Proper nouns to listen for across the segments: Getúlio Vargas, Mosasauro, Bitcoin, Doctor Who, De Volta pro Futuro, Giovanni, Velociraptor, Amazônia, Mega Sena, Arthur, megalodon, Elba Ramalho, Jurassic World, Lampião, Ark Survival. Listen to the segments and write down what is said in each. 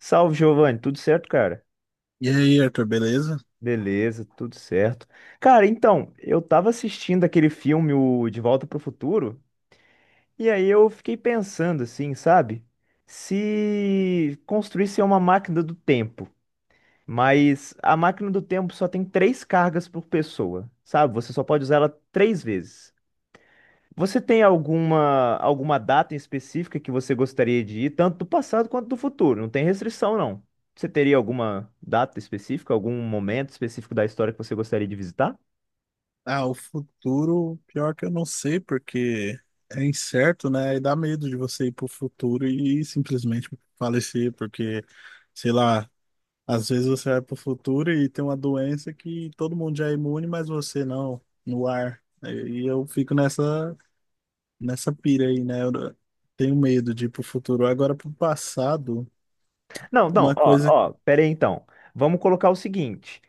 Salve, Giovanni, tudo certo, cara? E aí, Arthur, beleza? Beleza, tudo certo. Cara, então, eu tava assistindo aquele filme, o De Volta pro Futuro, e aí eu fiquei pensando assim, sabe? Se construísse uma máquina do tempo, mas a máquina do tempo só tem três cargas por pessoa, sabe? Você só pode usar ela três vezes. Você tem alguma data em específica que você gostaria de ir, tanto do passado quanto do futuro? Não tem restrição, não. Você teria alguma data específica, algum momento específico da história que você gostaria de visitar? Ah, o futuro, pior que eu não sei, porque é incerto, né? E dá medo de você ir pro futuro e simplesmente falecer, porque, sei lá, às vezes você vai pro futuro e tem uma doença que todo mundo já é imune, mas você não, no ar. E eu fico nessa pira aí, né? Eu tenho medo de ir pro futuro. Agora, pro passado, Não, não, uma ó, coisa. ó, pera aí então. Vamos colocar o seguinte.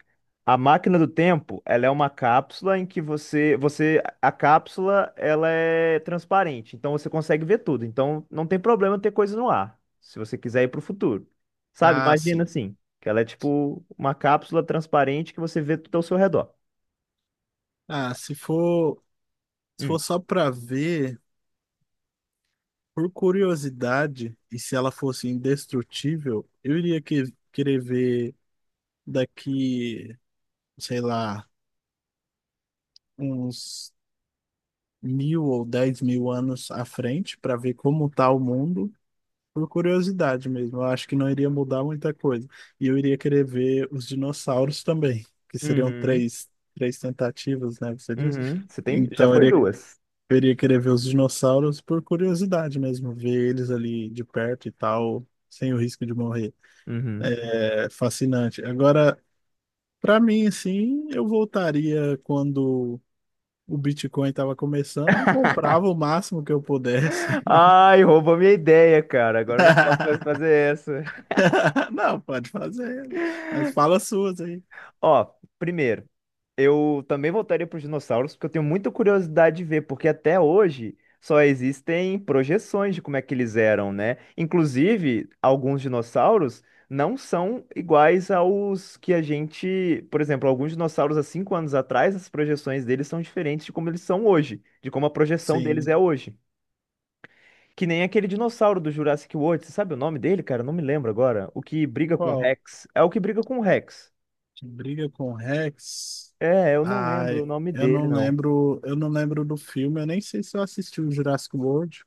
A máquina do tempo, ela é uma cápsula em que você, a cápsula, ela é transparente, então você consegue ver tudo. Então não tem problema ter coisa no ar, se você quiser ir para o futuro. Sabe? Ah, Imagina sim. assim, que ela é tipo uma cápsula transparente que você vê tudo ao seu redor. Ah, se for Hum. só pra ver. Por curiosidade, e se ela fosse indestrutível, eu iria querer ver daqui, sei lá, uns 1.000 ou 10.000 anos à frente, para ver como tá o mundo, por curiosidade mesmo. Eu acho que não iria mudar muita coisa. E eu iria querer ver os dinossauros também, que seriam Uhum. três tentativas, né? Você disse? Uhum. Você tem, já Então, eu foi iria, duas. eu iria querer ver os dinossauros por curiosidade mesmo, ver eles ali de perto e tal, sem o risco de morrer. Uhum. É fascinante. Agora, para mim, assim, eu voltaria quando o Bitcoin estava começando e comprava o máximo que eu pudesse. Ai, roubou minha ideia, cara. Agora eu não posso mais fazer essa. Não, pode fazer, mas fala as suas aí. Ó, primeiro, eu também voltaria para os dinossauros, porque eu tenho muita curiosidade de ver, porque até hoje só existem projeções de como é que eles eram, né? Inclusive, alguns dinossauros não são iguais aos que a gente. Por exemplo, alguns dinossauros há 5 anos atrás, as projeções deles são diferentes de como eles são hoje, de como a projeção deles Sim. é hoje. Que nem aquele dinossauro do Jurassic World, você sabe o nome dele, cara? Eu não me lembro agora. O que briga com o Qual? Rex. É o que briga com o Rex. Que briga com o Rex? É, eu não lembro Ai, o nome eu dele, não não. lembro, eu não lembro do filme, eu nem sei se eu assisti o Jurassic World.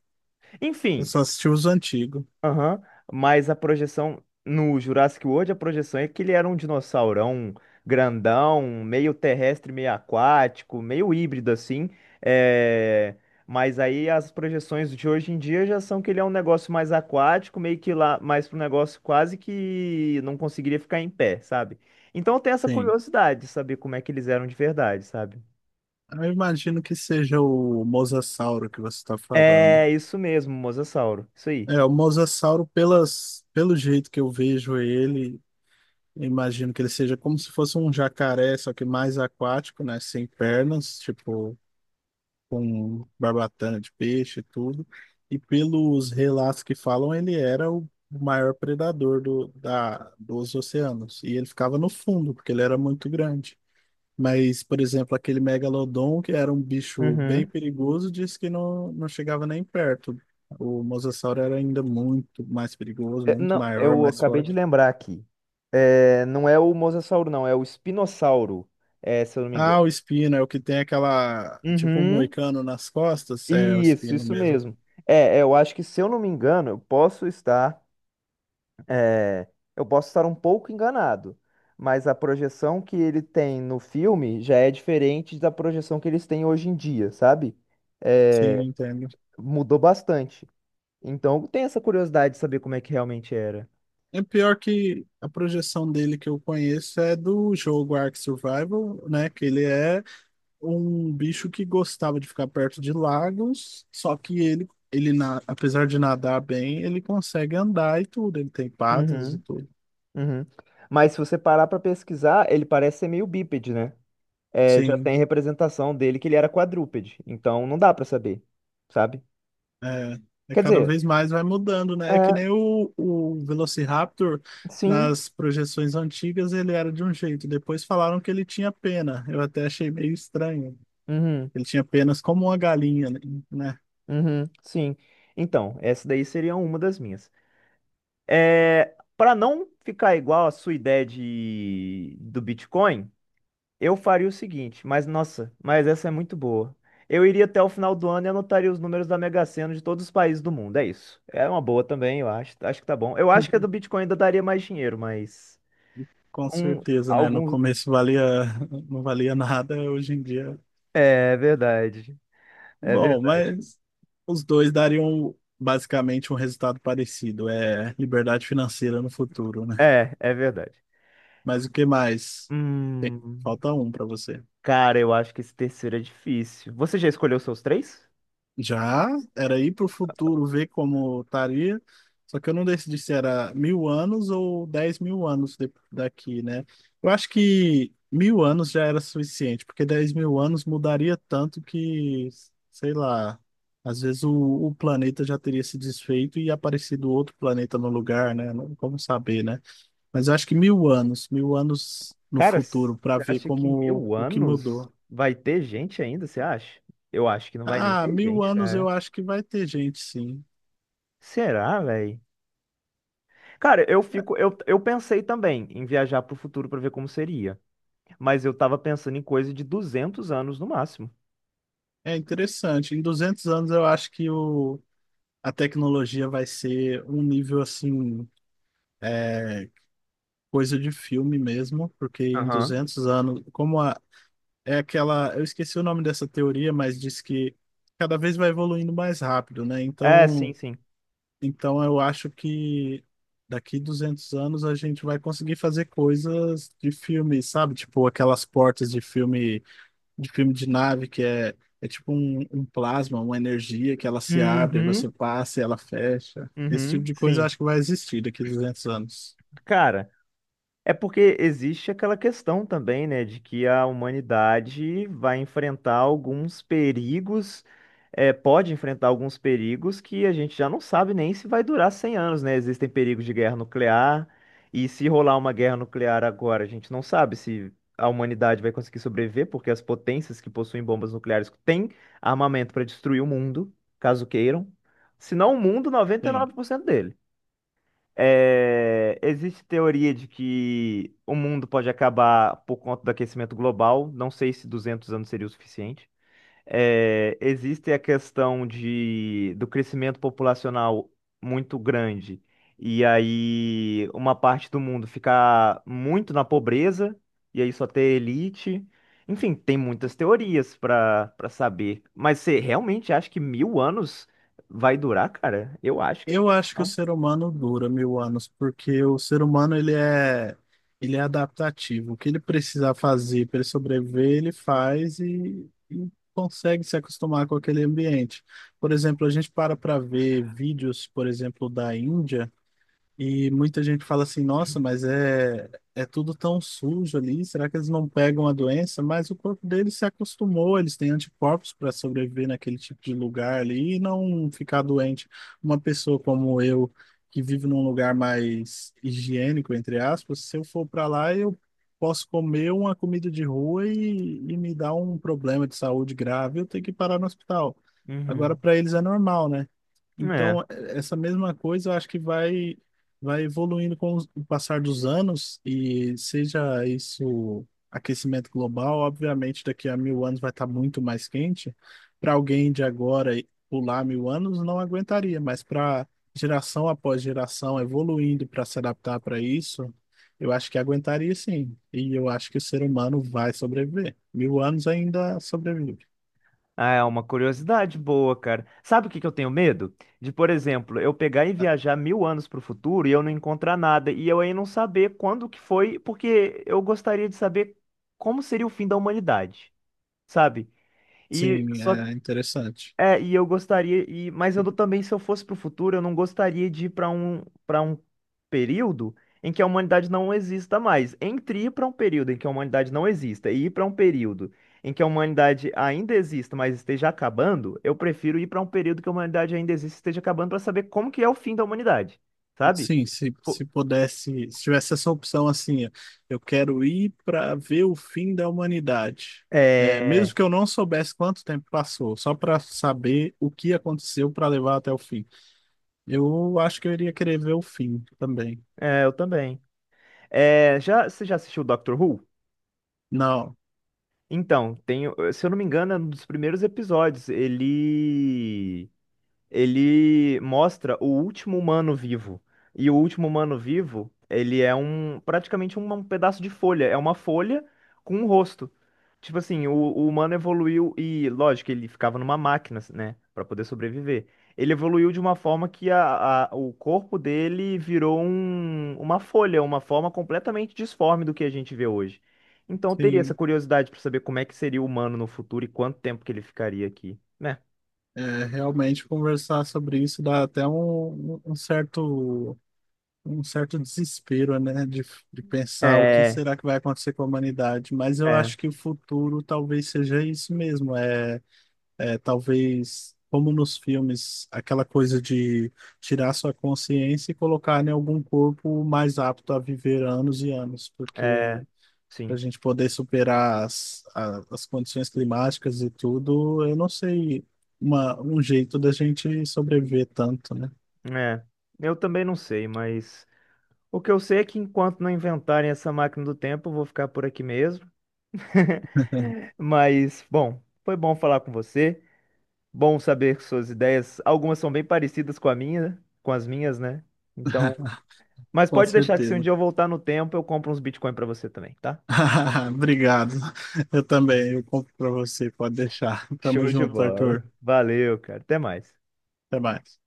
Eu Enfim, só assisti os antigos. aham, mas a projeção no Jurassic World, a projeção é que ele era um dinossaurão grandão, meio terrestre, meio aquático, meio híbrido assim. é, Mas aí as projeções de hoje em dia já são que ele é um negócio mais aquático, meio que lá, mais para um negócio quase que não conseguiria ficar em pé, sabe? Então eu tenho essa Sim. curiosidade de saber como é que eles eram de verdade, sabe? Eu imagino que seja o Mosasauro que você está falando. É isso mesmo, mosasauro. Isso aí. É, o mosasauro, pelo jeito que eu vejo ele, eu imagino que ele seja como se fosse um jacaré, só que mais aquático, né? Sem pernas, tipo, com barbatana de peixe e tudo. E pelos relatos que falam, ele era o maior predador dos oceanos. E ele ficava no fundo, porque ele era muito grande. Mas, por exemplo, aquele megalodon, que era um bicho bem Uhum. perigoso, disse que não, não chegava nem perto. O mosasauro era ainda muito mais perigoso, É, muito não, maior, eu mais acabei de forte. lembrar aqui. É, não é o mosasauro, não, é o espinossauro, é, se eu não me engano. Ah, o espino é o que tem aquela, tipo um Uhum, moicano nas costas, é o isso, espino isso mesmo. mesmo. É, é, eu acho que se eu não me engano, é, eu posso estar um pouco enganado, mas a projeção que ele tem no filme já é diferente da projeção que eles têm hoje em dia, sabe? Sim, É, entendo. mudou bastante. Então, eu tenho essa curiosidade de saber como é que realmente era. É pior que a projeção dele que eu conheço é do jogo Ark Survival, né? Que ele é um bicho que gostava de ficar perto de lagos, só que ele, apesar de nadar bem, ele consegue andar e tudo, ele tem patas e Uhum. tudo. Uhum. Mas se você parar pra pesquisar, ele parece ser meio bípede, né? É, já Sim, tem representação dele que ele era quadrúpede, então não dá pra saber, sabe? é, é Quer cada dizer, vez mais vai mudando, né? É que nem é, o Velociraptor, sim, nas projeções antigas ele era de um jeito, depois falaram que ele tinha pena, eu até achei meio estranho. uhum, Ele tinha penas como uma galinha, né? uhum, sim. Então, essa daí seria uma das minhas. É, para não ficar igual a sua ideia do Bitcoin. Eu faria o seguinte, mas nossa, mas essa é muito boa. Eu iria até o final do ano e anotaria os números da Mega Sena de todos os países do mundo. É isso. É uma boa também, eu acho. Acho que tá bom. Eu acho que a do Bitcoin ainda daria mais dinheiro, mas Com um, certeza, né? No alguns. começo valia, não valia nada, hoje em dia. É verdade. É Bom, verdade. mas os dois dariam basicamente um resultado parecido. É liberdade financeira no futuro, né? É, é verdade. Mas o que mais? Tem- Hum, Falta um para você. cara, eu acho que esse terceiro é difícil. Você já escolheu seus três? Já era ir para o futuro ver como estaria, só que eu não decidi se era 1.000 anos ou 10.000 anos daqui, né? Eu acho que 1.000 anos já era suficiente, porque 10.000 anos mudaria tanto que, sei lá, às vezes o planeta já teria se desfeito e aparecido outro planeta no lugar, né? Não como saber, né? Mas eu acho que 1.000 anos, 1.000 anos no Cara, você futuro, para ver acha que como mil o que anos mudou. vai ter gente ainda? Você acha? Eu acho que não vai nem Ah, ter 1.000 gente, anos eu cara. acho que vai ter gente, sim. Será, velho? Cara, eu fico, eu pensei também em viajar pro futuro pra ver como seria, mas eu tava pensando em coisa de 200 anos no máximo. É interessante. Em 200 anos, eu acho que a tecnologia vai ser um nível assim, é, coisa de filme mesmo, porque em Aham. 200 anos, como a, é aquela, eu esqueci o nome dessa teoria, mas diz que cada vez vai evoluindo mais rápido, né? É, sim, Então, sim. então eu acho que daqui 200 anos a gente vai conseguir fazer coisas de filme, sabe? Tipo aquelas portas de filme de nave, que é tipo um plasma, uma energia que ela se abre, aí você Uhum, passa e ela fecha. Esse tipo uhum. de coisa eu Sim. acho que vai existir daqui a 200 anos. Cara, é porque existe aquela questão também, né, de que a humanidade vai enfrentar alguns perigos, pode enfrentar alguns perigos que a gente já não sabe nem se vai durar 100 anos, né? Existem perigos de guerra nuclear, e se rolar uma guerra nuclear agora, a gente não sabe se a humanidade vai conseguir sobreviver, porque as potências que possuem bombas nucleares têm armamento para destruir o mundo, caso queiram, se não o mundo, noventa e Sim. nove por cento dele. É, existe teoria de que o mundo pode acabar por conta do aquecimento global. Não sei se 200 anos seria o suficiente. É, existe a questão de, do crescimento populacional muito grande e aí uma parte do mundo ficar muito na pobreza e aí só ter elite. Enfim, tem muitas teorias para saber. Mas você realmente acha que 1.000 anos vai durar, cara? Eu acho que Eu acho que o não. ser humano dura 1.000 anos, porque o ser humano ele é adaptativo. O que ele precisar fazer para ele sobreviver, ele faz e consegue se acostumar com aquele ambiente. Por exemplo, a gente para para ver vídeos, por exemplo, da Índia. E muita gente fala assim, nossa, mas é tudo tão sujo ali, será que eles não pegam a doença? Mas o corpo deles se acostumou, eles têm anticorpos para sobreviver naquele tipo de lugar ali e não ficar doente. Uma pessoa como eu, que vive num lugar mais higiênico, entre aspas, se eu for para lá, eu posso comer uma comida de rua e me dar um problema de saúde grave, eu tenho que parar no hospital. Agora, Uhum. para eles é normal, né? Então, essa mesma coisa eu acho que vai evoluindo com o passar dos anos, e seja isso aquecimento global, obviamente daqui a 1.000 anos vai estar muito mais quente. Para alguém de agora e pular 1.000 anos, não aguentaria, mas para geração após geração evoluindo para se adaptar para isso, eu acho que aguentaria sim. E eu acho que o ser humano vai sobreviver. 1.000 anos ainda sobrevive. Ah, é uma curiosidade boa, cara. Sabe o que que eu tenho medo? De, por exemplo, eu pegar e viajar 1.000 anos pro futuro e eu não encontrar nada, e eu aí não saber quando que foi, porque eu gostaria de saber como seria o fim da humanidade, sabe? E Sim, só, é interessante. E eu gostaria, mas eu não- também, se eu fosse para o futuro, eu não gostaria de ir para um período em que a humanidade não exista mais. Entre ir para um período em que a humanidade não exista e ir para um período em que a humanidade ainda exista, mas esteja acabando, eu prefiro ir para um período que a humanidade ainda existe e esteja acabando para saber como que é o fim da humanidade, sabe? Sim, se, Pô, se pudesse, se tivesse essa opção assim, ó, eu quero ir para ver o fim da humanidade. É, mesmo é, que eu não soubesse quanto tempo passou, só para saber o que aconteceu para levar até o fim. Eu acho que eu iria querer ver o fim também. é, eu também. É, você já assistiu Doctor Who? Não, Então, tem, se eu não me engano, é um dos primeiros episódios. Ele mostra o último humano vivo. E o último humano vivo, ele é um praticamente um pedaço de folha, é uma folha com um rosto. Tipo assim, o humano evoluiu e, lógico, ele ficava numa máquina, né, pra poder sobreviver. Ele evoluiu de uma forma que o corpo dele virou uma folha, uma forma completamente disforme do que a gente vê hoje. Então eu teria essa sim. curiosidade pra saber como é que seria o humano no futuro e quanto tempo que ele ficaria aqui, né? É, realmente conversar sobre isso dá até um certo desespero, né? De pensar o que É, será que vai acontecer com a humanidade. Mas eu é. acho que o futuro talvez seja isso mesmo. É talvez, como nos filmes, aquela coisa de tirar sua consciência e colocar em algum corpo mais apto a viver anos e anos, porque É, para sim. a gente poder superar as condições climáticas e tudo, eu não sei um jeito da gente sobreviver tanto, né? É. Eu também não sei, mas o que eu sei é que enquanto não inventarem essa máquina do tempo, eu vou ficar por aqui mesmo. Mas, bom, foi bom falar com você. Bom saber suas ideias. Algumas são bem parecidas com a minha, né? Com as minhas, né? Então, mas Com pode deixar que se um certeza. dia eu voltar no tempo, eu compro uns Bitcoin pra você também, tá? Obrigado. Eu também, eu compro para você, pode deixar. Tamo Show de junto, bola. Arthur. Valeu, cara. Até mais. Até mais.